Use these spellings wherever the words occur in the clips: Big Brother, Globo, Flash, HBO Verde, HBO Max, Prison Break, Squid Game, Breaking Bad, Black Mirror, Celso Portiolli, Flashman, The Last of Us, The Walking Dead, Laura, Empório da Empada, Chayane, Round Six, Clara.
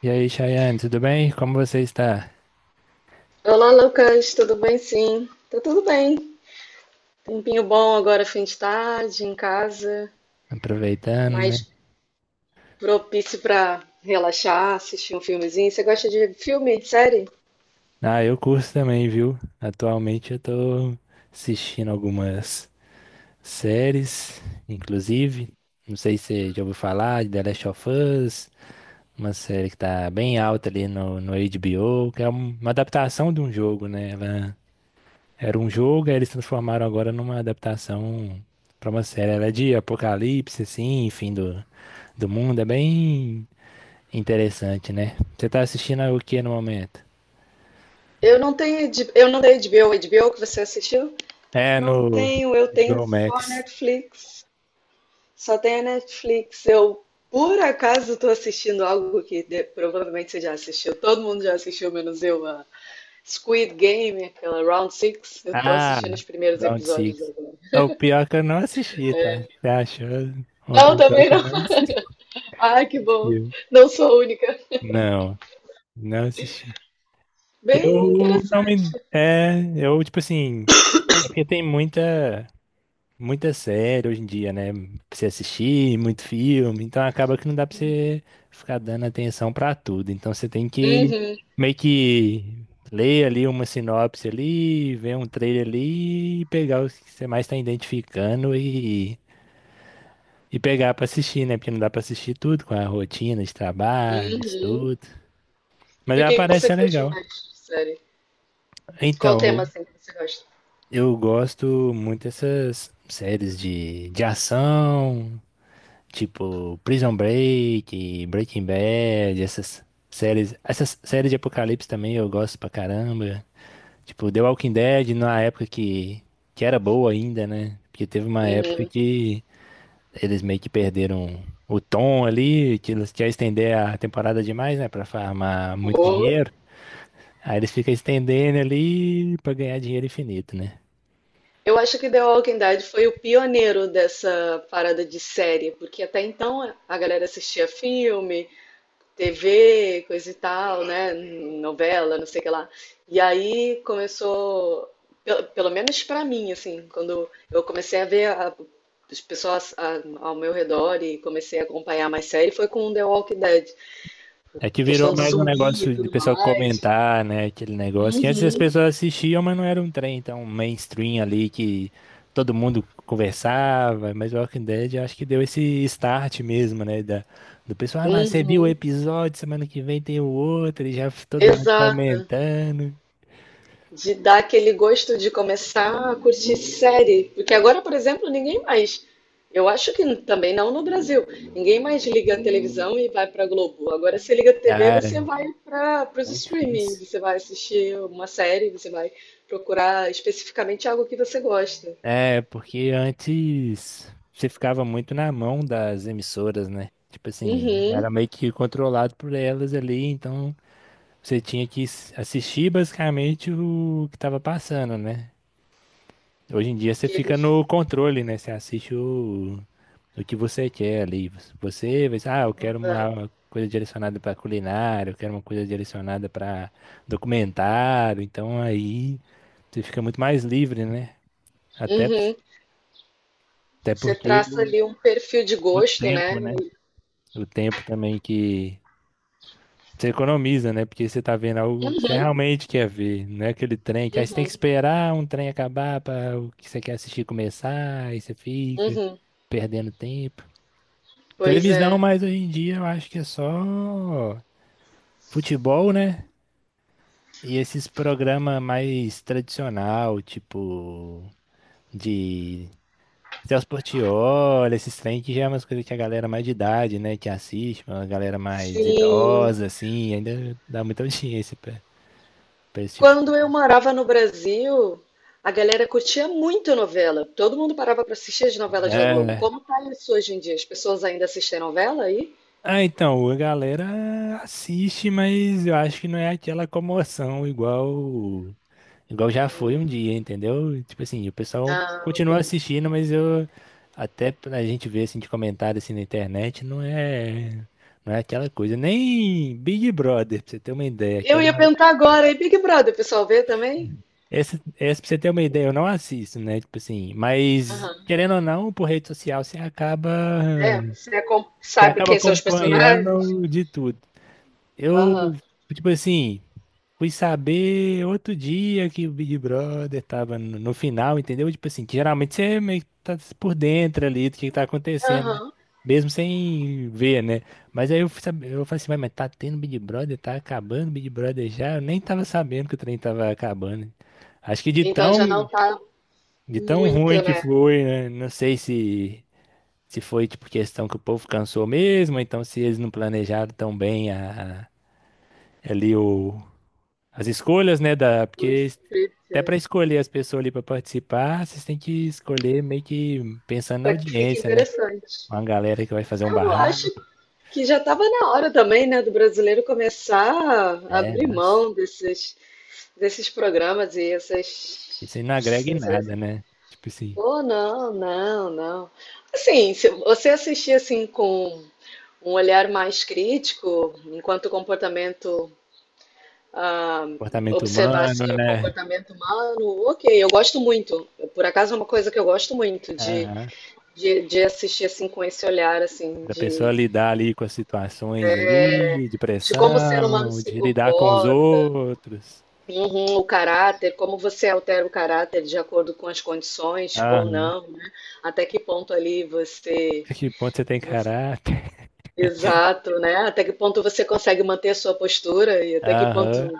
E aí, Chayane, tudo bem? Como você está? Olá, Lucas, tudo bem? Sim, tá tudo bem. Tempinho bom agora, fim de tarde, em casa, Aproveitando, né? mais propício para relaxar, assistir um filmezinho. Você gosta de filme, série? Ah, eu curto também, viu? Atualmente eu tô assistindo algumas séries, inclusive. Não sei se você já ouviu falar de The Last of Us, uma série que tá bem alta ali no HBO, que é uma adaptação de um jogo, né? Ela era um jogo, aí eles transformaram agora numa adaptação pra uma série. Ela é de apocalipse, assim, fim do mundo. É bem interessante, né? Você tá assistindo o que no momento? Eu não tenho HBO, HBO que você assistiu? É Não no tenho, eu tenho HBO só Max. Netflix. Só tenho a Netflix. Eu, por acaso, estou assistindo algo que provavelmente você já assistiu. Todo mundo já assistiu, menos eu, a Squid Game, aquela Round Six. Eu estou Ah, assistindo os primeiros Round episódios Six. agora. É o pior é que eu não assisti, tá? Você achou uma Não, pessoa também que não. não Ah, que bom. assistiu? Não sou a única. Não, não assisti. Bem Eu não me. interessante. É, eu, tipo assim. É porque tem muita. Muita série hoje em dia, né? Pra você assistir, muito filme, então acaba que não dá pra você ficar dando atenção pra tudo. Então você tem que Uhum, meio que ler ali uma sinopse ali, ver um trailer ali e pegar os que você mais tá identificando e pegar pra assistir, né? Porque não dá pra assistir tudo com a rotina de trabalho, uhum. estudo. Mas E o ela que que parece você ser curte legal. mais de série? Qual Então, tema assim que você gosta? eu gosto muito dessas séries de ação. Tipo, Prison Break, Breaking Bad, essas séries. Essas séries de apocalipse também eu gosto pra caramba. Tipo, The Walking Dead, na época que era boa ainda, né? Porque teve uma época Uhum. que eles meio que perderam o tom ali, que eles querem estender a temporada demais, né? Pra farmar muito Pô. dinheiro. Aí eles ficam estendendo ali pra ganhar dinheiro infinito, né? Eu acho que The Walking Dead foi o pioneiro dessa parada de série, porque até então a galera assistia filme, TV, coisa e tal, né? Novela, não sei o que lá. E aí começou, pelo menos pra mim, assim, quando eu comecei a ver as pessoas ao meu redor e comecei a acompanhar mais série, foi com The Walking Dead. É que virou Questão do mais um zumbi e negócio de tudo pessoal mais. comentar, né? Aquele negócio que antes as Uhum, pessoas assistiam, mas não era um trem tão mainstream ali que todo mundo conversava. Mas o Walking Dead eu acho que deu esse start mesmo, né? Do pessoal, ah, não, você viu o uhum. episódio, semana que vem tem o outro, e já todo mundo Exato. comentando. De dar aquele gosto de começar a curtir série. Porque agora, por exemplo, ninguém mais. Eu acho que também não no Brasil. Ninguém mais liga a televisão e vai para Globo. Agora você liga a TV, Ah, você vai para os muito streaming, difícil. você vai assistir uma série, você vai procurar especificamente algo que você gosta. É, porque antes você ficava muito na mão das emissoras, né? Tipo assim, Uhum. era meio que controlado por elas ali, então. Você tinha que assistir basicamente o que tava passando, né? Hoje em dia você Que fica eles. no controle, né? Você assiste o que você quer ali. Você vai, ah, eu quero Exato. uma coisa direcionada pra culinária, eu quero uma coisa direcionada pra documentário. Então aí você fica muito mais livre, né? Até, Uhum. até Você porque traça o, ali um perfil de o gosto, né? tempo, né? O tempo também que você economiza, né? Porque você tá vendo algo que você Uhum, realmente quer ver, não é aquele trem que aí você tem que uhum, esperar um trem acabar para o que você quer assistir começar, aí você fica uhum. perdendo tempo. Pois Televisão, é. mas hoje em dia eu acho que é só futebol, né? E esses programas mais tradicional, tipo de Celso Portiolli, esses trem que já é umas coisas que a galera mais de idade, né, que assiste, uma galera mais Sim, idosa, assim, ainda dá muita audiência pra esse tipo de Quando eu morava no Brasil, a galera curtia muito novela. Todo mundo parava para assistir as novelas da Globo. É. Como tá isso hoje em dia? As pessoas ainda assistem novela aí? Ah, então, a galera assiste, mas eu acho que não é aquela comoção igual já foi um dia, entendeu? Tipo assim, o pessoal Ah, ok. continua assistindo, mas eu até pra gente ver assim de comentário assim na internet, não é aquela coisa, nem Big Brother, pra você ter uma ideia, que Eu era ia uma... perguntar agora, e Big Brother, o pessoal vê também? Essa pra você ter uma ideia, eu não assisto, né? Tipo assim, mas Aham. querendo ou não, por rede social você acaba É, você você sabe acaba quem são os personagens? acompanhando de tudo. Eu, Aham. tipo assim, fui saber outro dia que o Big Brother tava no final, entendeu? Tipo assim, que geralmente você meio que tá por dentro ali do que tá acontecendo, Aham. mesmo sem ver, né? Mas aí eu fui saber, eu falei assim, "Ué, mas tá tendo Big Brother, tá acabando o Big Brother já? Eu nem tava sabendo que o trem tava acabando." Acho que de Então tão, já não tá de tão muito, ruim que né? foi, né? Não sei se. Se foi, tipo, questão que o povo cansou mesmo, ou então se eles não planejaram tão bem ali as escolhas, né, O porque script, até para escolher as pessoas ali para participar, vocês têm que escolher meio que pensando na para que fique audiência, né? interessante. Uma galera que vai fazer um Eu acho barraco, que já estava na hora também, né, do brasileiro começar a é, abrir nossa. mão desses programas e essas. Isso aí não agrega em nada, né? Tipo assim, Oh, não, não, não. Assim, se você assistir assim com um olhar mais crítico, enquanto o comportamento, ah, comportamento observar humano, assim, o né? comportamento humano, ok, eu gosto muito. Por acaso é uma coisa que eu gosto muito de, Aham. de, de assistir assim com esse olhar assim Da pessoa lidar ali com as situações ali, de de como o ser humano pressão, se de lidar com os comporta. outros. Uhum, o caráter, como você altera o caráter de acordo com as condições ou Aham. não, né? Até que ponto ali você, Que ponto você tem você- caráter? exato, né? Até que ponto você consegue manter a sua postura e até que ponto Aham.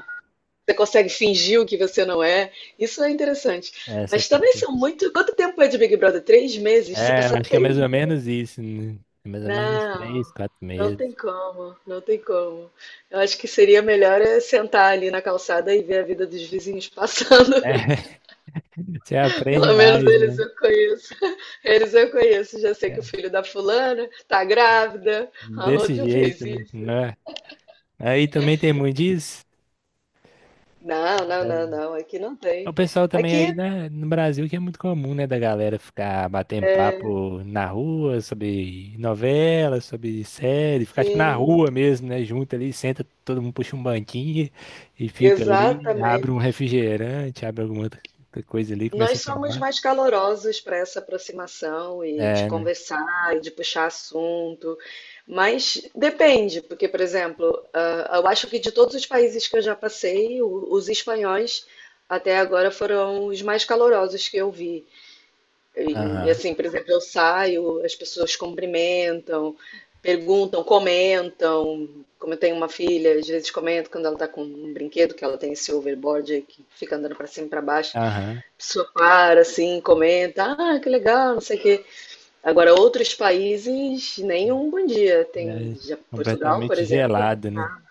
você consegue fingir o que você não é. Isso é interessante. Essa Mas também parte. são muito. Quanto tempo é de Big Brother? Três meses? Você É, passar acho que é mais três ou meses? menos isso, né? É mais ou menos uns Não, três, quatro não meses. tem como, não tem como. Eu acho que seria melhor é sentar ali na calçada e ver a vida dos vizinhos passando. É, você aprende Pelo menos mais, eles né? eu conheço. Eles eu conheço. Já sei que o É, filho da fulana tá grávida, a desse outra jeito, fez né? isso. Não é? Aí também tem muito disso. Não, não, não, Deve. não. Aqui não O tem. pessoal também aí, Aqui, né, no Brasil que é muito comum, né, da galera ficar batendo é, papo na rua sobre novela, sobre série, ficar tipo na sim, rua mesmo, né, junto ali, senta, todo mundo puxa um banquinho e fica ali, abre um exatamente. refrigerante, abre alguma outra coisa ali, começa Nós a somos tomar. mais calorosos para essa aproximação e de É, né? conversar e de puxar assunto, mas depende, porque, por exemplo, eu acho que de todos os países que eu já passei, os espanhóis até agora foram os mais calorosos que eu vi. E Aham, assim, por exemplo, eu saio, as pessoas cumprimentam, perguntam, comentam. Como eu tenho uma filha, às vezes comento quando ela está com um brinquedo, que ela tem esse overboard aí que fica andando para cima e para baixo. aham. A pessoa para assim, comenta, ah, que legal, não sei o quê. Agora, outros países, nenhum bom dia. Tem É já Portugal, por completamente exemplo, gelado, né? né?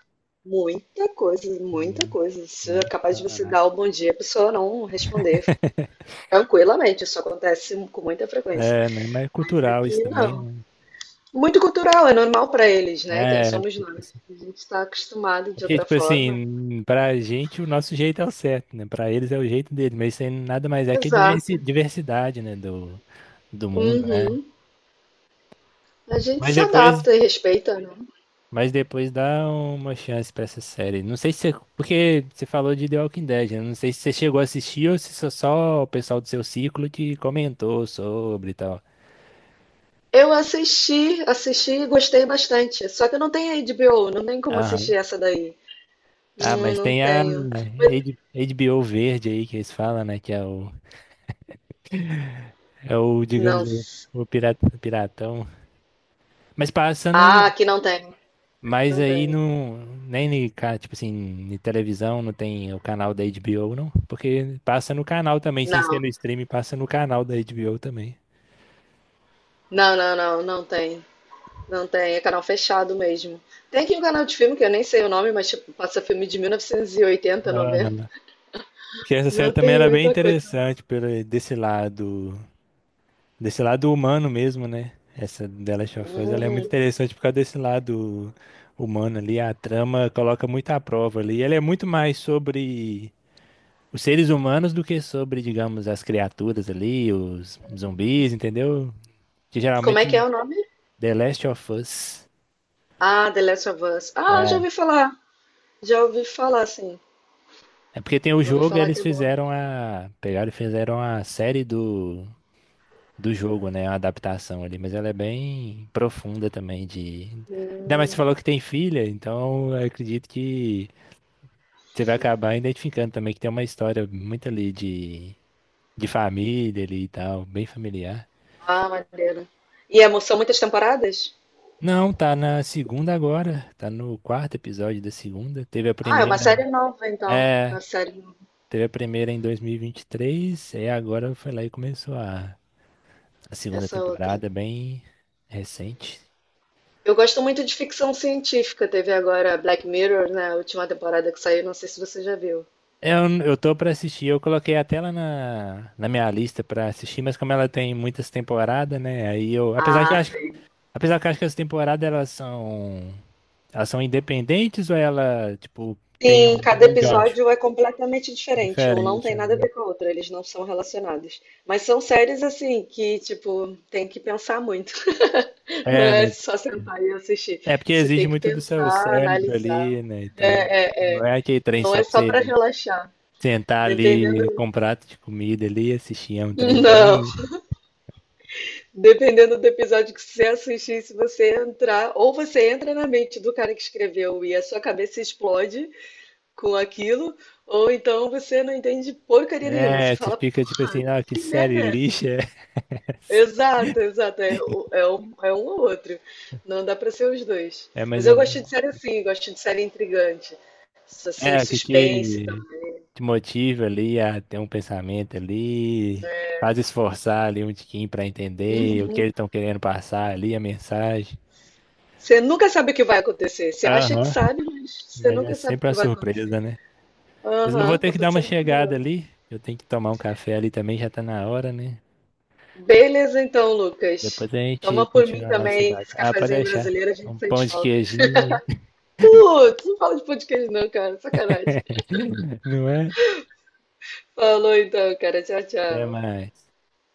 Muita coisa, muita Uhum. coisa. Isso é Nem capaz de fala você nada. dar o bom dia, a pessoa não responder tranquilamente. Isso acontece com muita frequência. É, né? Mas é Mas cultural isso aqui também, não. né? Muito cultural, é normal para eles, né? Quem É, somos porque, tipo nós? assim. A gente está acostumado É de porque, outra tipo forma. assim, pra gente o nosso jeito é o certo, né? Pra eles é o jeito deles, mas isso aí nada mais é que a Exato. Diversidade, né? Do mundo, né? Uhum. A gente Mas se depois, adapta e respeita, né? mas depois dá uma chance pra essa série. Não sei se você, porque você falou de The Walking Dead, né? Não sei se você chegou a assistir ou se só o pessoal do seu ciclo que comentou sobre e tal. Eu assisti, assisti e gostei bastante. Só que eu não tenho HBO, não tem como Aham. assistir essa daí. Ah, mas Não tem a tenho. Mas- HBO Verde aí que eles falam, né? Que é o digamos, não. o pirata, piratão. Mas passa no. Ah, aqui não tem. Mas Não aí tem. não. Nem, tipo assim, em televisão não tem o canal da HBO, não? Porque passa no canal também, sem ser Não. no stream, passa no canal da HBO também. Não, não, não, não tem. Não tem. É canal fechado mesmo. Tem aqui um canal de filme que eu nem sei o nome, mas tipo, passa filme de 1980, 90. Aham. Porque essa série Não também tem era bem muita coisa. interessante pelo, desse lado. Desse lado humano mesmo, né? Essa The Last of Us, ela é muito Hum. interessante por causa desse lado humano ali. A trama coloca muito à prova ali. Ela é muito mais sobre os seres humanos do que sobre, digamos, as criaturas ali, os zumbis, entendeu? Que Como é que geralmente é o nome? The Last of Us. Ah, The Last of Us. Ah, já É. ouvi falar. Já ouvi falar, sim. É porque tem o Já ouvi jogo e falar eles que é bom. fizeram a. Pegaram e fizeram a série do jogo, né? Uma adaptação ali, mas ela é bem profunda também de. Ainda mais você Hum. falou que tem filha, então eu acredito que você vai acabar identificando também que tem uma história muito ali de família ali e tal, bem familiar. Ah, maneiro. E são muitas temporadas? Não, tá na segunda agora, tá no quarto episódio da segunda. Ah, é uma série nova, então. é, Uma série nova. teve a primeira em 2023, e vinte e três, e agora foi lá e começou a segunda Essa outra. temporada, bem recente. Eu gosto muito de ficção científica. Teve agora Black Mirror, né? A última temporada que saiu. Não sei se você já viu. É, eu tô pra assistir, eu coloquei até ela na minha lista pra assistir, mas como ela tem muitas temporadas, né? Aí eu, apesar que eu Ah, acho, apesar que eu acho que as temporadas elas são independentes ou ela, tipo, tem um, Sim, cada um gancho episódio é completamente diferente. Um não tem diferente, nada a né? ver com o outro, eles não são relacionados. Mas são séries assim que, tipo, tem que pensar muito. Não É, é né? só sentar e assistir. É porque Você tem exige que muito do seu pensar, cérebro analisar. ali, né, e tal. É, é, é. Não é aquele trem Não só é pra só para você relaxar. sentar ali Dependendo. com um prato de comida ali, assistir, é um trem Não. bem... Dependendo do episódio que você assistir, se você entrar, ou você entra na mente do cara que escreveu e a sua cabeça explode, com aquilo, ou então você não entende porcaria nenhuma. Você É, você fala, fica tipo porra, assim, ah, que que merda série é essa? lixa é essa? Exato, exato. É, é um, ou outro. Não dá pra ser os dois. É mais Mas eu ou gosto de menos. série assim, gosto de série intrigante. Assim, o É, o que suspense te, também. te motiva ali a ter um pensamento ali, faz esforçar ali um tiquinho para entender o que Uhum. eles estão querendo passar ali, a mensagem. Você nunca sabe o que vai acontecer. Você acha que Aham, sabe, mas você mas é nunca sabe o sempre uma que vai acontecer. surpresa, né? Mas eu Aham, vou ter que acabou dar uma sendo chegada curioso. ali, eu tenho que tomar um café ali também, já tá na hora, né? Beleza, então, Depois Lucas. a gente Toma por mim continua o nosso também debate. esse Ah, pode cafezinho deixar. brasileiro, a gente Um pão sente de falta. queijinho, Putz, não fala de podcast não, cara. Sacanagem. não é? Falou então, cara. Tchau, Até tchau. mais.